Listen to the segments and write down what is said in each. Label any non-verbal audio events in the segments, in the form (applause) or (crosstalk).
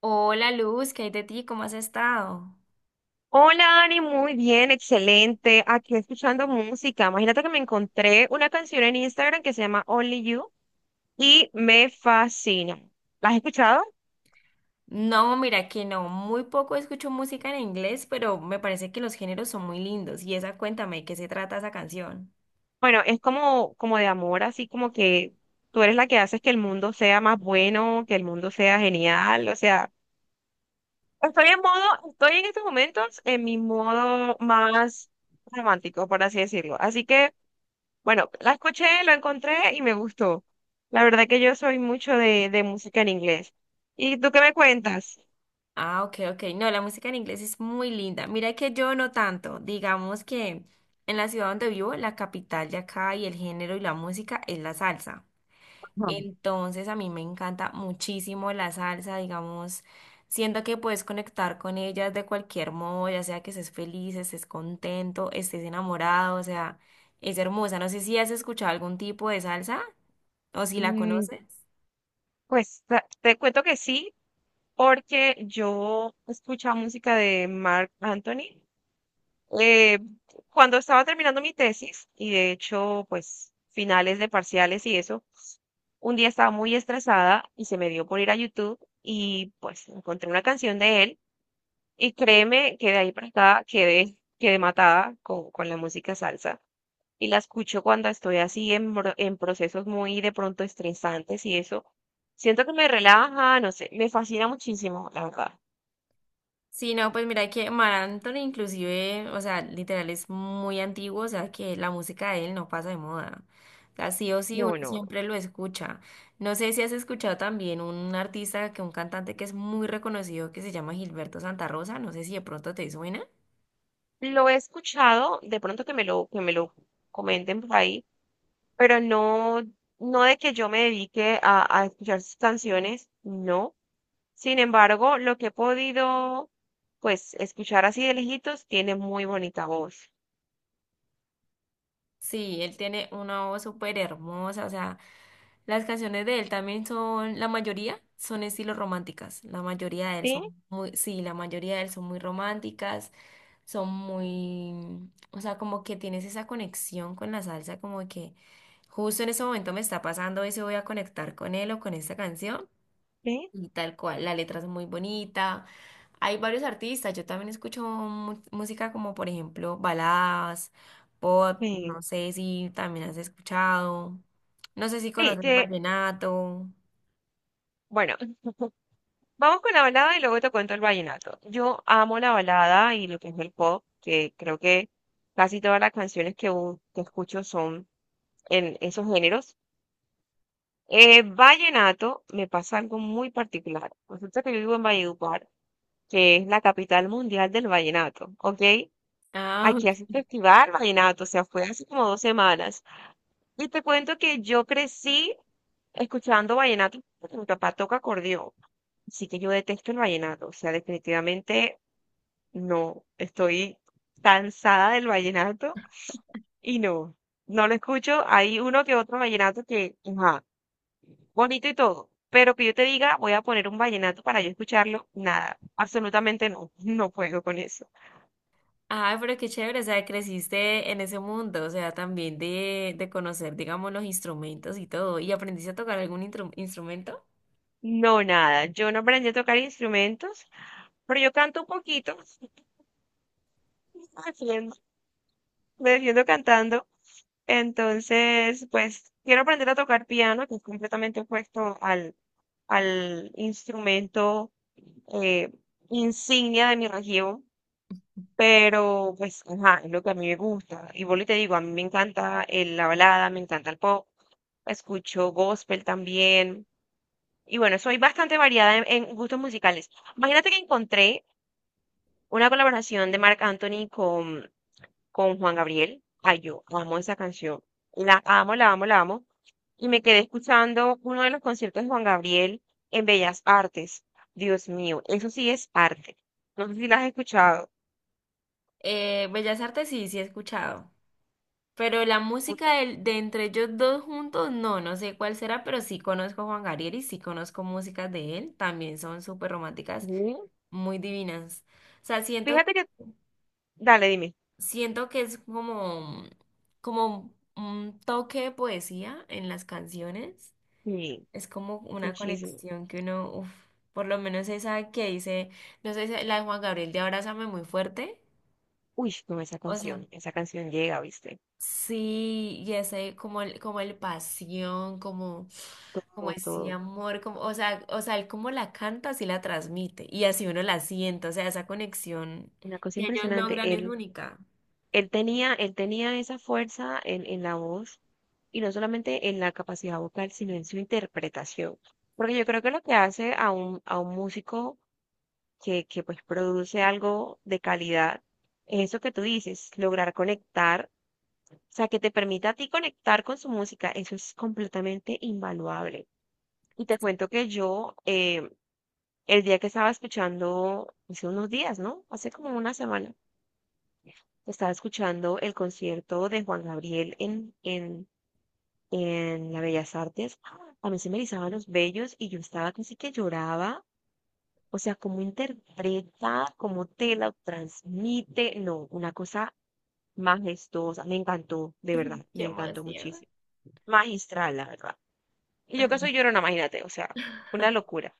Hola Luz, ¿qué hay de ti? ¿Cómo has estado? Hola, Dani, muy bien, excelente. Aquí escuchando música. Imagínate que me encontré una canción en Instagram que se llama Only You y me fascina. ¿La has escuchado? No, mira que no, muy poco escucho música en inglés, pero me parece que los géneros son muy lindos. Y esa, cuéntame, ¿de qué se trata esa canción? Bueno, es como, como de amor, así como que tú eres la que haces que el mundo sea más bueno, que el mundo sea genial. O sea, estoy en modo, estoy en estos momentos en mi modo más romántico, por así decirlo. Así que bueno, la escuché, lo encontré y me gustó. La verdad que yo soy mucho de música en inglés. ¿Y tú qué me cuentas? Ah, ok, ok. No, la música en inglés es muy linda. Mira que yo no tanto. Digamos que en la ciudad donde vivo, la capital de acá y el género y la música es la salsa. Ujú. Entonces a mí me encanta muchísimo la salsa, digamos, siento que puedes conectar con ellas de cualquier modo, ya sea que estés feliz, estés contento, estés enamorado, o sea, es hermosa. No sé si has escuchado algún tipo de salsa o si la Mm, conoces. Pues te cuento que sí, porque yo escuchaba música de Mark Anthony eh, cuando estaba terminando mi tesis y de hecho, pues finales de parciales y eso, un día estaba muy estresada y se me dio por ir a YouTube y pues encontré una canción de él. Y créeme que de ahí para acá quedé, quedé matada con la música salsa. Y la escucho cuando estoy así en, en procesos muy de pronto estresantes y eso. Siento que me relaja, no sé, me fascina muchísimo, la verdad. Sí, no, pues mira que Mar Anthony inclusive, o sea, literal es muy antiguo, o sea, que la música de él no pasa de moda. O sea, sí o sí uno No, no, no. siempre lo escucha. No sé si has escuchado también un artista, que un cantante que es muy reconocido que se llama Gilberto Santa Rosa, no sé si de pronto te suena. Lo he escuchado, de pronto que me lo comenten por ahí, pero no, no de que yo me dedique a escuchar sus canciones, no. Sin embargo, lo que he podido, pues, escuchar así de lejitos, tiene muy bonita voz. Sí, él tiene una voz súper hermosa, o sea, las canciones de él también son, la mayoría son estilos románticas, la mayoría de él Sí, son muy, sí, la mayoría de él son muy románticas. Son muy, o sea, como que tienes esa conexión con la salsa, como que justo en ese momento me está pasando eso, voy a conectar con él o con esta canción sí, y tal cual, la letra es muy bonita. Hay varios artistas, yo también escucho música como por ejemplo baladas, pop, sí. no sé si también has escuchado, no sé si Sí, conoces el vallenato. bueno, vamos con la balada y luego te cuento el vallenato. Yo amo la balada y lo que es el pop, que creo que casi todas las canciones que escucho son en esos géneros. Vallenato me pasa algo muy particular. Resulta que yo vivo en Valledupar, que es la capital mundial del vallenato, ¿ok? Ah. Aquí hace festival, vallenato, o sea, fue hace como dos semanas. Y te cuento que yo crecí escuchando vallenato porque mi papá toca acordeón. Así que yo detesto el vallenato, o sea, definitivamente no. Estoy cansada del vallenato y no, no lo escucho. Hay uno que otro vallenato que, ajá, bonito y todo, pero que yo te diga, voy a poner un vallenato para yo escucharlo, nada, absolutamente no, (laughs) no puedo con eso. Ah, pero qué chévere, o sea, creciste en ese mundo, o sea, también de conocer, digamos, los instrumentos y todo. ¿Y aprendiste a tocar algún instrumento? No, nada. Yo no aprendí a tocar instrumentos, pero yo canto un poquito. (laughs) haciendo- Me defiendo cantando. Entonces, pues quiero aprender a tocar piano, que es completamente opuesto al instrumento eh, insignia de mi región. Pero, pues, ajá, es lo que a mí me gusta. Y vuelvo y te digo, a mí me encanta la balada, me encanta el pop, escucho gospel también. Y bueno, soy bastante variada en gustos musicales. Imagínate que encontré una colaboración de Marc Anthony con Juan Gabriel. Ay, yo amo esa canción. La amo, la amo, la amo. Y me quedé escuchando uno de los conciertos de Juan Gabriel en Bellas Artes. Dios mío, eso sí es arte. No sé si la has escuchado. Bellas Artes sí, sí he escuchado. Pero la música de, entre ellos dos juntos, no, no sé cuál será, pero sí conozco a Juan Gabriel y sí conozco músicas de él. También son súper románticas, Ujú. muy divinas. O sea, siento, Fíjate que, dale, dime. siento que es como, como un toque de poesía en las canciones. Sí, Es como una muchísimo. conexión que uno, uf, por lo menos esa que dice, no sé, la de Juan Gabriel de Abrázame muy fuerte. Uy, no, O sea, esa canción llega, ¿viste? sí, y ese como el pasión, como, como Como ese todo. amor, como, o sea, él como la canta, así la transmite. Y así uno la siente, o sea, esa conexión Una cosa que ellos impresionante. logran es única. Él tenía esa fuerza en la voz y no solamente en la capacidad vocal, sino en su interpretación. Porque yo creo que lo que hace a un músico que pues produce algo de calidad es eso que tú dices, lograr conectar, o sea, que te permita a ti conectar con su música, eso es completamente invaluable. Y te cuento que yo, el día que estaba escuchando, hace unos días, ¿no? Hace como una semana estaba escuchando el concierto de Juan Gabriel en la Bellas Artes. A mí se me erizaban los vellos y yo estaba casi que lloraba. O sea, cómo interpreta, cómo te lo transmite. No, una cosa majestuosa. Me encantó, de verdad, Qué me encantó emoción. muchísimo. Magistral, la verdad. Y yo que soy llorona, imagínate, o sea, una locura.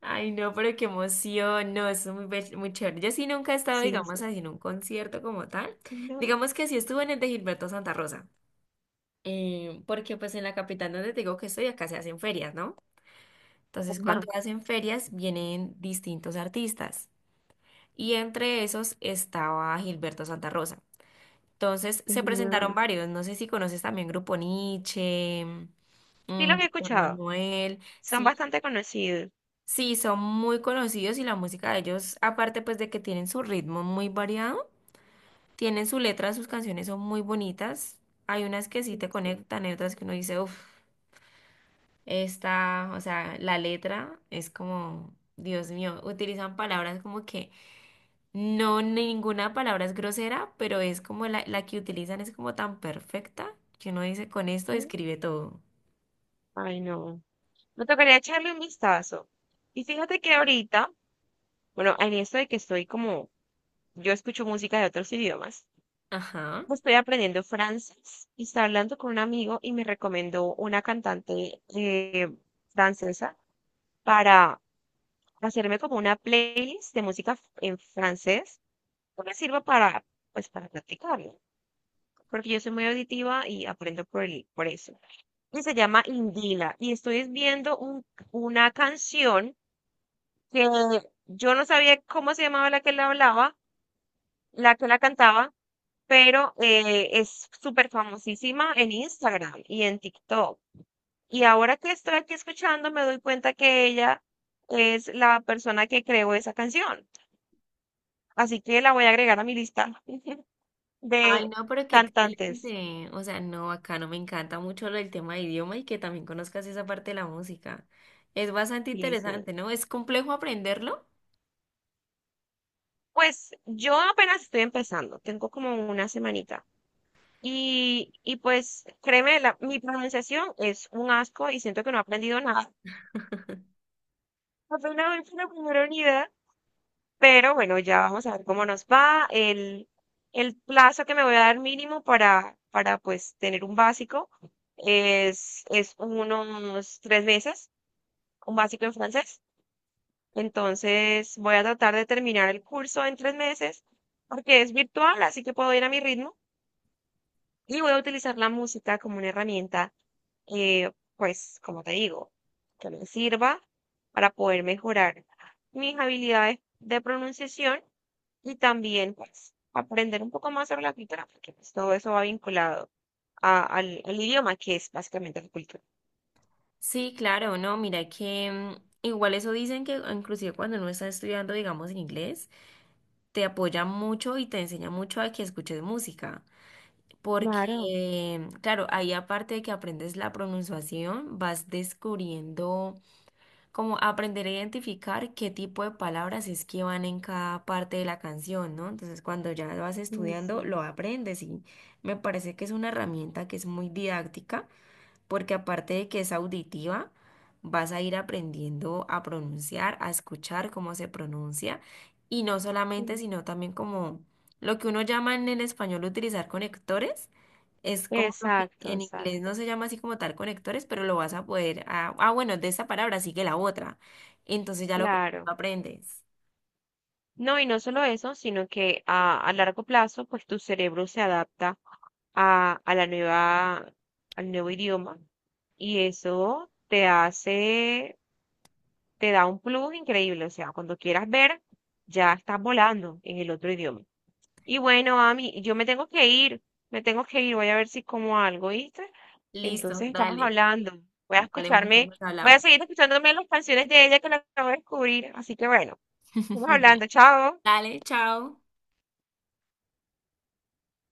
Ay, no, pero qué emoción, no, eso es muy, muy chévere. Yo sí nunca he estado, Sí, digamos, sí. así en un concierto como tal. No. Digamos que sí estuve en el de Gilberto Santa Rosa, porque pues en la capital donde te digo que estoy, acá se hacen ferias, ¿no? Entonces, Ajá, cuando hacen ferias, vienen distintos artistas y entre esos estaba Gilberto Santa Rosa. Entonces, se presentaron genial. varios, no sé si conoces también Grupo Nietzsche, Sí, los he Víctor escuchado. Manuel, Son sí, bastante conocidos. sí, son muy conocidos y la música de ellos, aparte pues de que tienen su ritmo muy variado, tienen su letra, sus canciones son muy bonitas. Hay unas que Sí, sí te sí. conectan, hay otras que uno dice, uff, esta, o sea, la letra es como, Dios mío, utilizan palabras como que no, ninguna palabra es grosera, pero es como la que utilizan es como tan perfecta que uno dice, con esto describe todo. Ay, no. Me tocaría echarle un vistazo. Y fíjate que ahorita, bueno, en esto de que estoy como, yo escucho música de otros idiomas, Ajá. pues estoy aprendiendo francés y estaba hablando con un amigo y me recomendó una cantante francesa para hacerme como una playlist de música en francés que me sirva para, pues, para practicarlo. Porque yo soy muy auditiva y aprendo por eso. Y se llama Indila. Y estoy viendo una canción, que yo no sabía cómo se llamaba la que la hablaba, la que la cantaba, pero es súper famosísima en Instagram y en TikTok. Y ahora que estoy aquí escuchando, me doy cuenta que ella es la persona que creó esa canción. Así que la voy a agregar a mi lista de Ay, no, pero qué cantantes. excelente. O sea, no, acá no me encanta mucho lo del tema de idioma y que también conozcas esa parte de la música. Es bastante Sí, sí. interesante, ¿no? ¿Es complejo aprenderlo? Pues yo apenas estoy empezando, tengo como una semanita. Y pues créeme, mi pronunciación es un asco y siento que no he aprendido nada. Afortunadamente la primera unidad, pero bueno, ya vamos a ver cómo nos va. El plazo que me voy a dar mínimo para pues tener un básico es unos 3 meses, un básico en francés. Entonces voy a tratar de terminar el curso en 3 meses porque es virtual, así que puedo ir a mi ritmo y voy a utilizar la música como una herramienta pues, como te digo, que me sirva para poder mejorar mis habilidades de pronunciación y también, pues, aprender un poco más sobre la cultura, porque pues, todo eso va vinculado al idioma, que es básicamente la cultura. Sí, claro, no, mira que igual eso dicen que inclusive cuando uno está estudiando, digamos, en inglés, te apoya mucho y te enseña mucho a que escuches música. Claro, Porque, claro, ahí aparte de que aprendes la pronunciación, vas descubriendo como aprender a identificar qué tipo de palabras es que van en cada parte de la canción, ¿no? Entonces, cuando ya lo vas sí, estudiando, sí. lo aprendes y me parece que es una herramienta que es muy didáctica porque aparte de que es auditiva, vas a ir aprendiendo a pronunciar, a escuchar cómo se pronuncia, y no solamente, Sí. sino también como lo que uno llama en el español utilizar conectores, es como lo que Exacto, en inglés no exacto. se llama así como tal conectores, pero lo vas a poder, bueno, de esta palabra sigue la otra, entonces ya lo Claro. aprendes. No, y no solo eso, sino que a largo plazo, pues tu cerebro se adapta a la nueva, al nuevo idioma y eso te hace, te da un plus increíble. O sea, cuando quieras ver, ya estás volando en el otro idioma. Y bueno, Ami, yo me tengo que ir, me tengo que ir, voy a ver si como algo, ¿viste? Listo, Entonces estamos dale, hablando. Voy a dale, mujer, escucharme, nos voy a hablamos. seguir escuchándome las canciones de ella que la acabo de descubrir. Así que bueno, estamos (laughs) hablando, chao. Dale, chao.